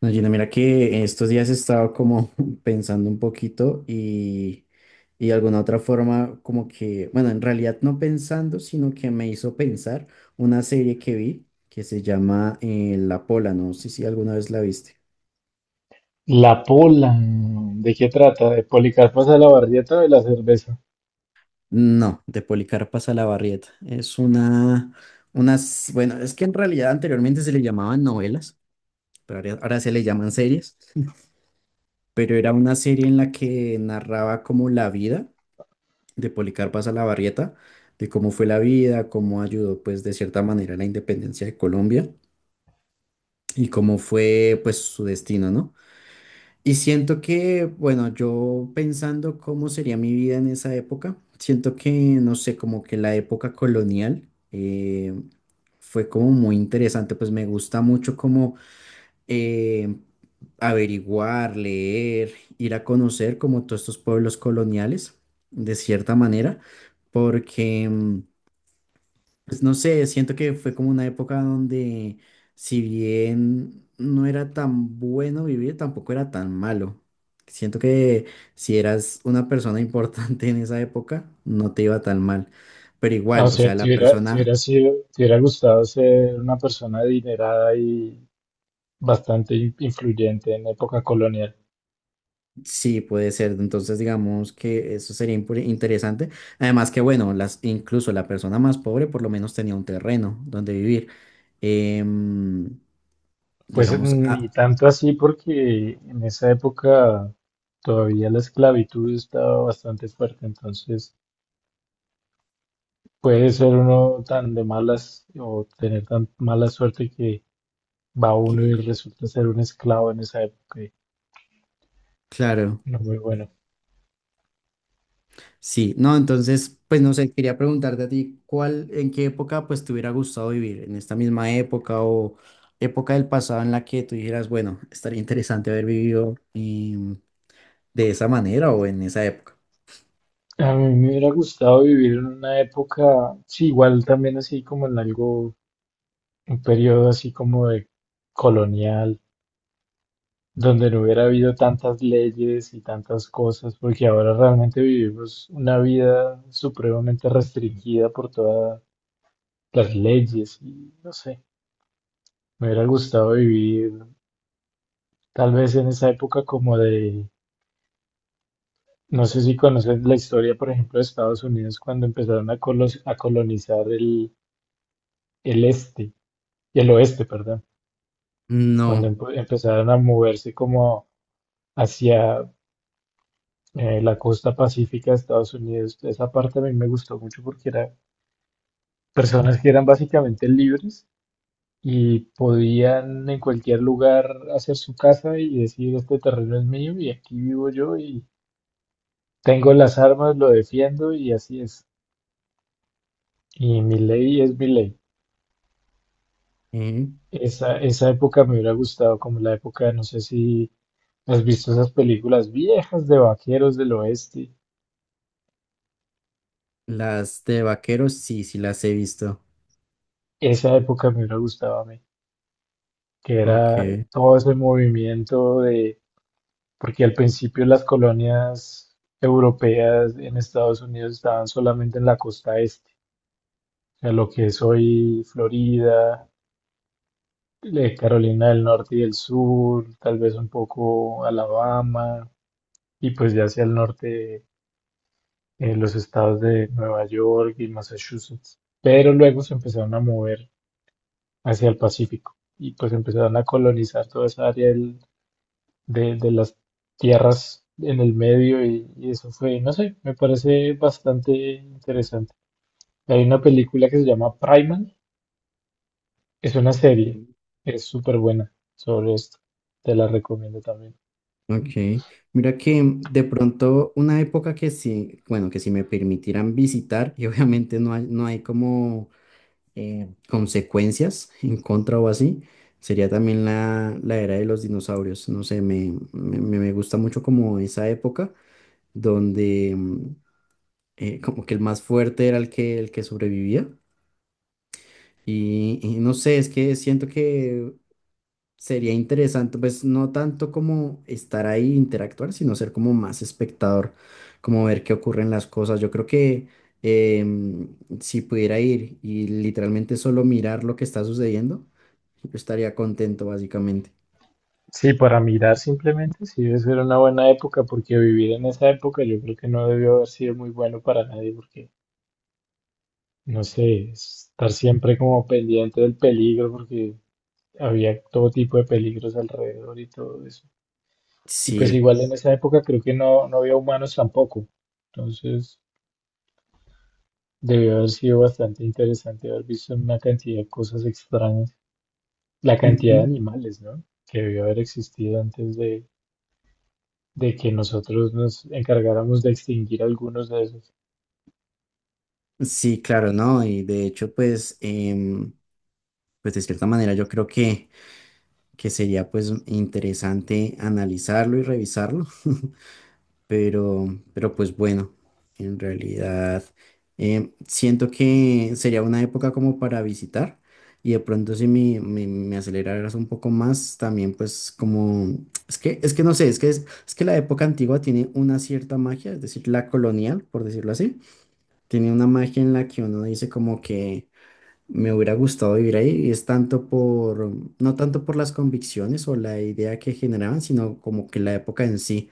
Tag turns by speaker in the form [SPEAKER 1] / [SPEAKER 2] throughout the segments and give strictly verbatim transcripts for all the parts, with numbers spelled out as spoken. [SPEAKER 1] No, Gina, mira que estos días he estado como pensando un poquito y, y de alguna otra forma como que, bueno, en realidad no pensando, sino que me hizo pensar una serie que vi que se llama eh, La Pola, no sé si alguna vez la viste.
[SPEAKER 2] La Pola. ¿De qué trata? De Policarpo Salabarrieta o de la cerveza.
[SPEAKER 1] No, de Policarpa Salabarrieta. Es una, unas, bueno, es que en realidad anteriormente se le llamaban novelas, pero ahora ahora se le llaman series, pero era una serie en la que narraba como la vida de Policarpa Salabarrieta, de cómo fue la vida, cómo ayudó pues de cierta manera a la independencia de Colombia y cómo fue pues su destino, ¿no? Y siento que, bueno, yo pensando cómo sería mi vida en esa época, siento que, no sé, como que la época colonial eh, fue como muy interesante, pues me gusta mucho como eh, averiguar, leer, ir a conocer como todos estos pueblos coloniales, de cierta manera, porque, mm, pues no sé, siento que fue como una época donde si bien no era tan bueno vivir, tampoco era tan malo. Siento que si eras una persona importante en esa época, no te iba tan mal. Pero
[SPEAKER 2] Ah, o
[SPEAKER 1] igual, o
[SPEAKER 2] sea,
[SPEAKER 1] sea, la
[SPEAKER 2] te hubiera, te
[SPEAKER 1] persona.
[SPEAKER 2] hubiera sido, te hubiera gustado ser una persona adinerada y bastante in- influyente en época colonial.
[SPEAKER 1] Sí, puede ser. Entonces, digamos que eso sería impure- interesante. Además que, bueno, las, incluso la persona más pobre por lo menos tenía un terreno donde vivir. Em,
[SPEAKER 2] Pues
[SPEAKER 1] digamos,
[SPEAKER 2] ni
[SPEAKER 1] ah,
[SPEAKER 2] tanto así porque en esa época todavía la esclavitud estaba bastante fuerte, entonces puede ser uno tan de malas o tener tan mala suerte que va uno y
[SPEAKER 1] que-
[SPEAKER 2] resulta ser un esclavo en esa época. Y
[SPEAKER 1] claro,
[SPEAKER 2] no muy bueno.
[SPEAKER 1] sí. No, entonces, pues no sé, quería preguntarte a ti, ¿cuál, en qué época pues te hubiera gustado vivir? ¿En esta misma época o época del pasado en la que tú dijeras, bueno, estaría interesante haber vivido em, de esa manera o en esa época?
[SPEAKER 2] A mí me hubiera gustado vivir en una época, sí, igual también así como en algo, un periodo así como de colonial, donde no hubiera habido tantas leyes y tantas cosas, porque ahora realmente vivimos una vida supremamente restringida por todas las leyes y no sé, me hubiera gustado vivir tal vez en esa época como de, no sé si conoces la historia, por ejemplo, de Estados Unidos cuando empezaron a, colos- a colonizar el, el este, el oeste, perdón. Cuando
[SPEAKER 1] No.
[SPEAKER 2] empe- empezaron a moverse como hacia eh, la costa pacífica de Estados Unidos. Esa parte a mí me gustó mucho porque eran personas que eran básicamente libres y podían en cualquier lugar hacer su casa y decir, este terreno es mío y aquí vivo yo y tengo las armas, lo defiendo y así es. Y mi ley es mi ley. Esa, esa época me hubiera gustado como la época, no sé si has visto esas películas viejas de vaqueros del oeste.
[SPEAKER 1] Las de vaqueros, sí, sí las he visto.
[SPEAKER 2] Esa época me hubiera gustado a mí, que
[SPEAKER 1] Ok.
[SPEAKER 2] era todo ese movimiento de, porque al principio las colonias europeas en Estados Unidos estaban solamente en la costa este, o sea, lo que es hoy Florida, eh, Carolina del Norte y del Sur, tal vez un poco Alabama, y pues ya hacia el norte eh, los estados de Nueva York y Massachusetts. Pero luego se empezaron a mover hacia el Pacífico y pues empezaron a colonizar toda esa área de, de las tierras en el medio y, y eso fue, no sé, me parece bastante interesante. Hay una película que se llama Primal, es una serie,
[SPEAKER 1] Mm.
[SPEAKER 2] es súper buena sobre esto, te la recomiendo también.
[SPEAKER 1] Ok. Mira que de pronto una época que sí, bueno, que si me permitieran visitar, y obviamente no hay, no hay como eh, consecuencias en contra o así, sería también la, la era de los dinosaurios. No sé, me, me, me- me gusta mucho como esa época donde mm, eh, como que el más fuerte era el que, el que sobrevivía. Y, y no sé, es que siento que sería interesante, pues no tanto como estar ahí e interactuar, sino ser como más espectador, como ver qué ocurren las cosas. Yo creo que em, si pudiera ir y literalmente solo mirar lo que está sucediendo, yo estaría contento básicamente.
[SPEAKER 2] Sí, para mirar simplemente, sí, debe ser una buena época, porque vivir en esa época yo creo que no debió haber sido muy bueno para nadie, porque, no sé, estar siempre como pendiente del peligro, porque había todo tipo de peligros alrededor y todo eso. Y pues
[SPEAKER 1] Sí.
[SPEAKER 2] igual en esa época creo que no, no había humanos tampoco. Entonces debió haber sido bastante interesante haber visto una cantidad de cosas extrañas. La
[SPEAKER 1] Ujú.
[SPEAKER 2] cantidad de animales, ¿no? Que debió haber existido antes de, de que nosotros nos encargáramos de extinguir algunos de esos.
[SPEAKER 1] Sí, claro, ¿no? Y de hecho, pues, em, pues de cierta manera yo creo que, que sería pues interesante analizarlo y revisarlo. Pero, pero pues bueno, en realidad em, siento que sería una época como para visitar y de pronto si me, me, me aceleraras un poco más, también pues como, es que, es que no sé, es que, es, es que la época antigua tiene una cierta magia, es decir, la colonial, por decirlo así, tiene una magia en la que uno dice como que me hubiera gustado vivir ahí y es tanto por, no tanto por las convicciones o la idea que generaban, sino como que la época en sí,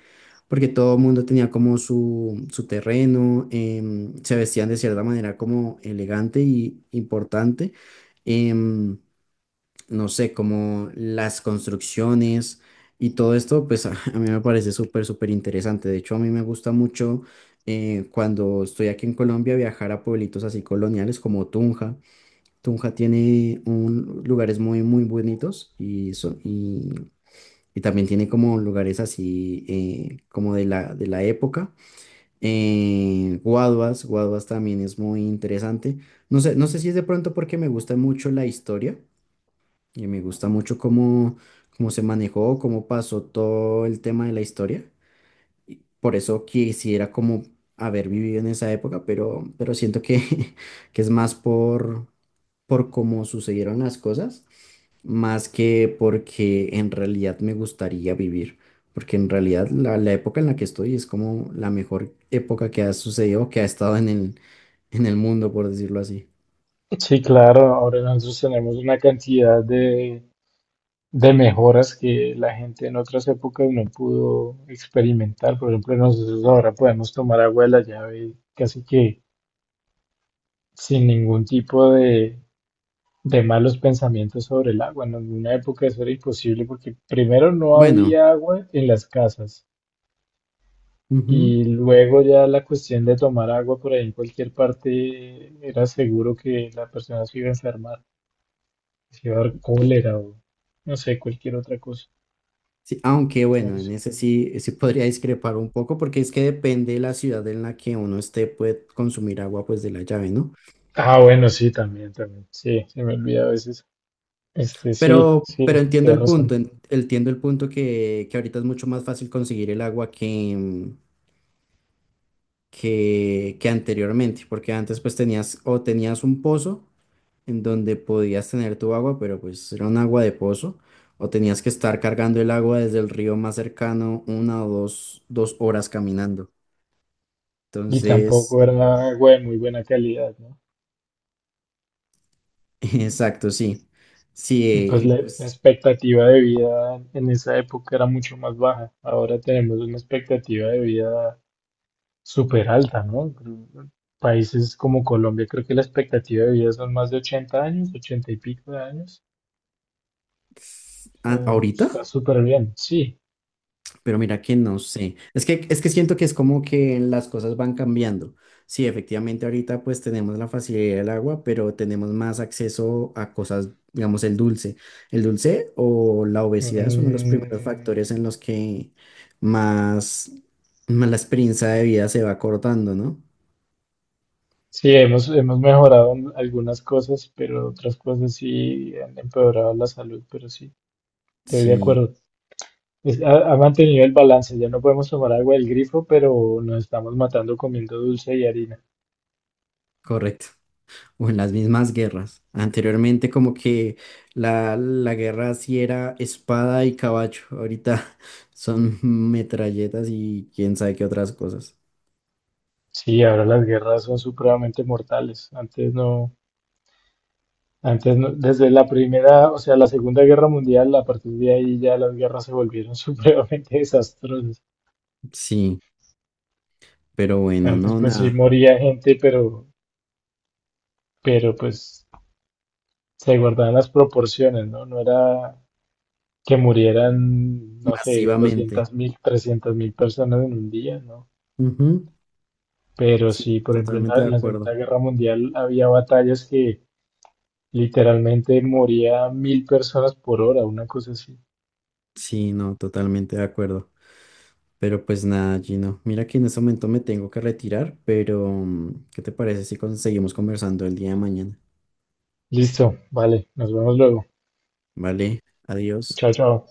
[SPEAKER 1] porque todo el mundo tenía como su, su terreno, em, se vestían de cierta manera como elegante y importante, em, no sé, como las construcciones y todo esto, pues a, a mí me parece súper, súper interesante. De hecho, a mí me gusta mucho eh, cuando estoy aquí en Colombia viajar a pueblitos así coloniales como Tunja. Tunja tiene un, lugares muy, muy bonitos y, son, y, y también tiene como lugares así eh, como de la, de la época. Eh, Guaduas, Guaduas también es muy interesante. No sé, no sé si es de pronto porque me gusta mucho la historia y me gusta mucho cómo, cómo se manejó, cómo pasó todo el tema de la historia. Y por eso quisiera como haber vivido en esa época, pero, pero siento que, que es más por, por cómo sucedieron las cosas más que porque en realidad me gustaría vivir, porque en realidad la, la época en la que estoy es como la mejor época que ha sucedido, que ha estado en el, en el mundo, por decirlo así.
[SPEAKER 2] Sí, claro, ahora nosotros tenemos una cantidad de, de mejoras que la gente en otras épocas no pudo experimentar. Por ejemplo, nosotros ahora podemos tomar agua de la llave casi que sin ningún tipo de, de malos pensamientos sobre el agua. En una época eso era imposible porque primero no
[SPEAKER 1] Bueno,
[SPEAKER 2] había agua en las casas
[SPEAKER 1] ujú.
[SPEAKER 2] y luego ya la cuestión de tomar agua por ahí en cualquier parte era seguro que la persona se iba a enfermar, se iba a dar cólera o no sé, cualquier otra cosa.
[SPEAKER 1] Sí, aunque bueno, en
[SPEAKER 2] Entonces,
[SPEAKER 1] ese sí, sí podría discrepar un poco, porque es que depende de la ciudad en la que uno esté, puede consumir agua pues de la llave, ¿no?
[SPEAKER 2] ah, bueno, sí, también, también. Sí, se me olvida a veces. Este, sí,
[SPEAKER 1] Pero,
[SPEAKER 2] sí,
[SPEAKER 1] pero entiendo
[SPEAKER 2] tienes
[SPEAKER 1] el
[SPEAKER 2] razón.
[SPEAKER 1] punto, en- entiendo el punto que, que ahorita es mucho más fácil conseguir el agua que, que, que anteriormente, porque antes pues tenías o tenías un pozo en donde podías tener tu agua, pero pues era un agua de pozo, o tenías que estar cargando el agua desde el río más cercano una o dos, dos horas caminando.
[SPEAKER 2] Y
[SPEAKER 1] Entonces,
[SPEAKER 2] tampoco era agua de muy buena calidad, ¿no?
[SPEAKER 1] exacto, sí. Sí,
[SPEAKER 2] Y
[SPEAKER 1] eh,
[SPEAKER 2] pues
[SPEAKER 1] y
[SPEAKER 2] la, la
[SPEAKER 1] pues
[SPEAKER 2] expectativa de vida en esa época era mucho más baja. Ahora tenemos una expectativa de vida súper alta, ¿no? Países como Colombia, creo que la expectativa de vida son más de ochenta años, ochenta y pico de años.
[SPEAKER 1] a-
[SPEAKER 2] Eh, está
[SPEAKER 1] ahorita.
[SPEAKER 2] súper bien, sí.
[SPEAKER 1] Pero mira que no sé. Es que, es que siento que es como que las cosas van cambiando. Sí, efectivamente ahorita pues tenemos la facilidad del agua, pero tenemos más acceso a cosas, digamos, el dulce. El dulce o la obesidad es uno de los primeros
[SPEAKER 2] Mm,
[SPEAKER 1] factores en los que más, más la experiencia de vida se va cortando, ¿no?
[SPEAKER 2] sí, hemos, hemos mejorado en algunas cosas, pero otras cosas sí han empeorado la salud, pero sí, estoy de
[SPEAKER 1] Sí,
[SPEAKER 2] acuerdo. Es- ha, ha mantenido el balance, ya no podemos tomar agua del grifo, pero nos estamos matando comiendo dulce y harina.
[SPEAKER 1] correcto. O en las mismas guerras. Anteriormente como que la, la guerra sí era espada y caballo, ahorita son metralletas y quién sabe qué otras cosas.
[SPEAKER 2] Sí, ahora las guerras son supremamente mortales. Antes no, antes no, desde la primera, o sea, la Segunda Guerra Mundial, a partir de ahí ya las guerras se volvieron supremamente desastrosas.
[SPEAKER 1] Sí, pero bueno,
[SPEAKER 2] Antes
[SPEAKER 1] no,
[SPEAKER 2] pues sí
[SPEAKER 1] nada,
[SPEAKER 2] moría gente, pero, pero pues se guardaban las proporciones, ¿no? No era que murieran, no sé,
[SPEAKER 1] masivamente.
[SPEAKER 2] doscientos mil, trescientos mil personas en un día, ¿no?
[SPEAKER 1] Ujú.
[SPEAKER 2] Pero
[SPEAKER 1] Sí,
[SPEAKER 2] sí, por ejemplo, en la,
[SPEAKER 1] totalmente de
[SPEAKER 2] en la
[SPEAKER 1] acuerdo.
[SPEAKER 2] Segunda Guerra Mundial había batallas que literalmente moría mil personas por hora, una cosa así.
[SPEAKER 1] Sí, no, totalmente de acuerdo. Pero pues nada, Gino, mira que en este momento me tengo que retirar, pero mm, ¿qué te parece si con- seguimos conversando el día de mañana?
[SPEAKER 2] Listo, vale, nos vemos luego.
[SPEAKER 1] Vale, adiós.
[SPEAKER 2] Chao, chao.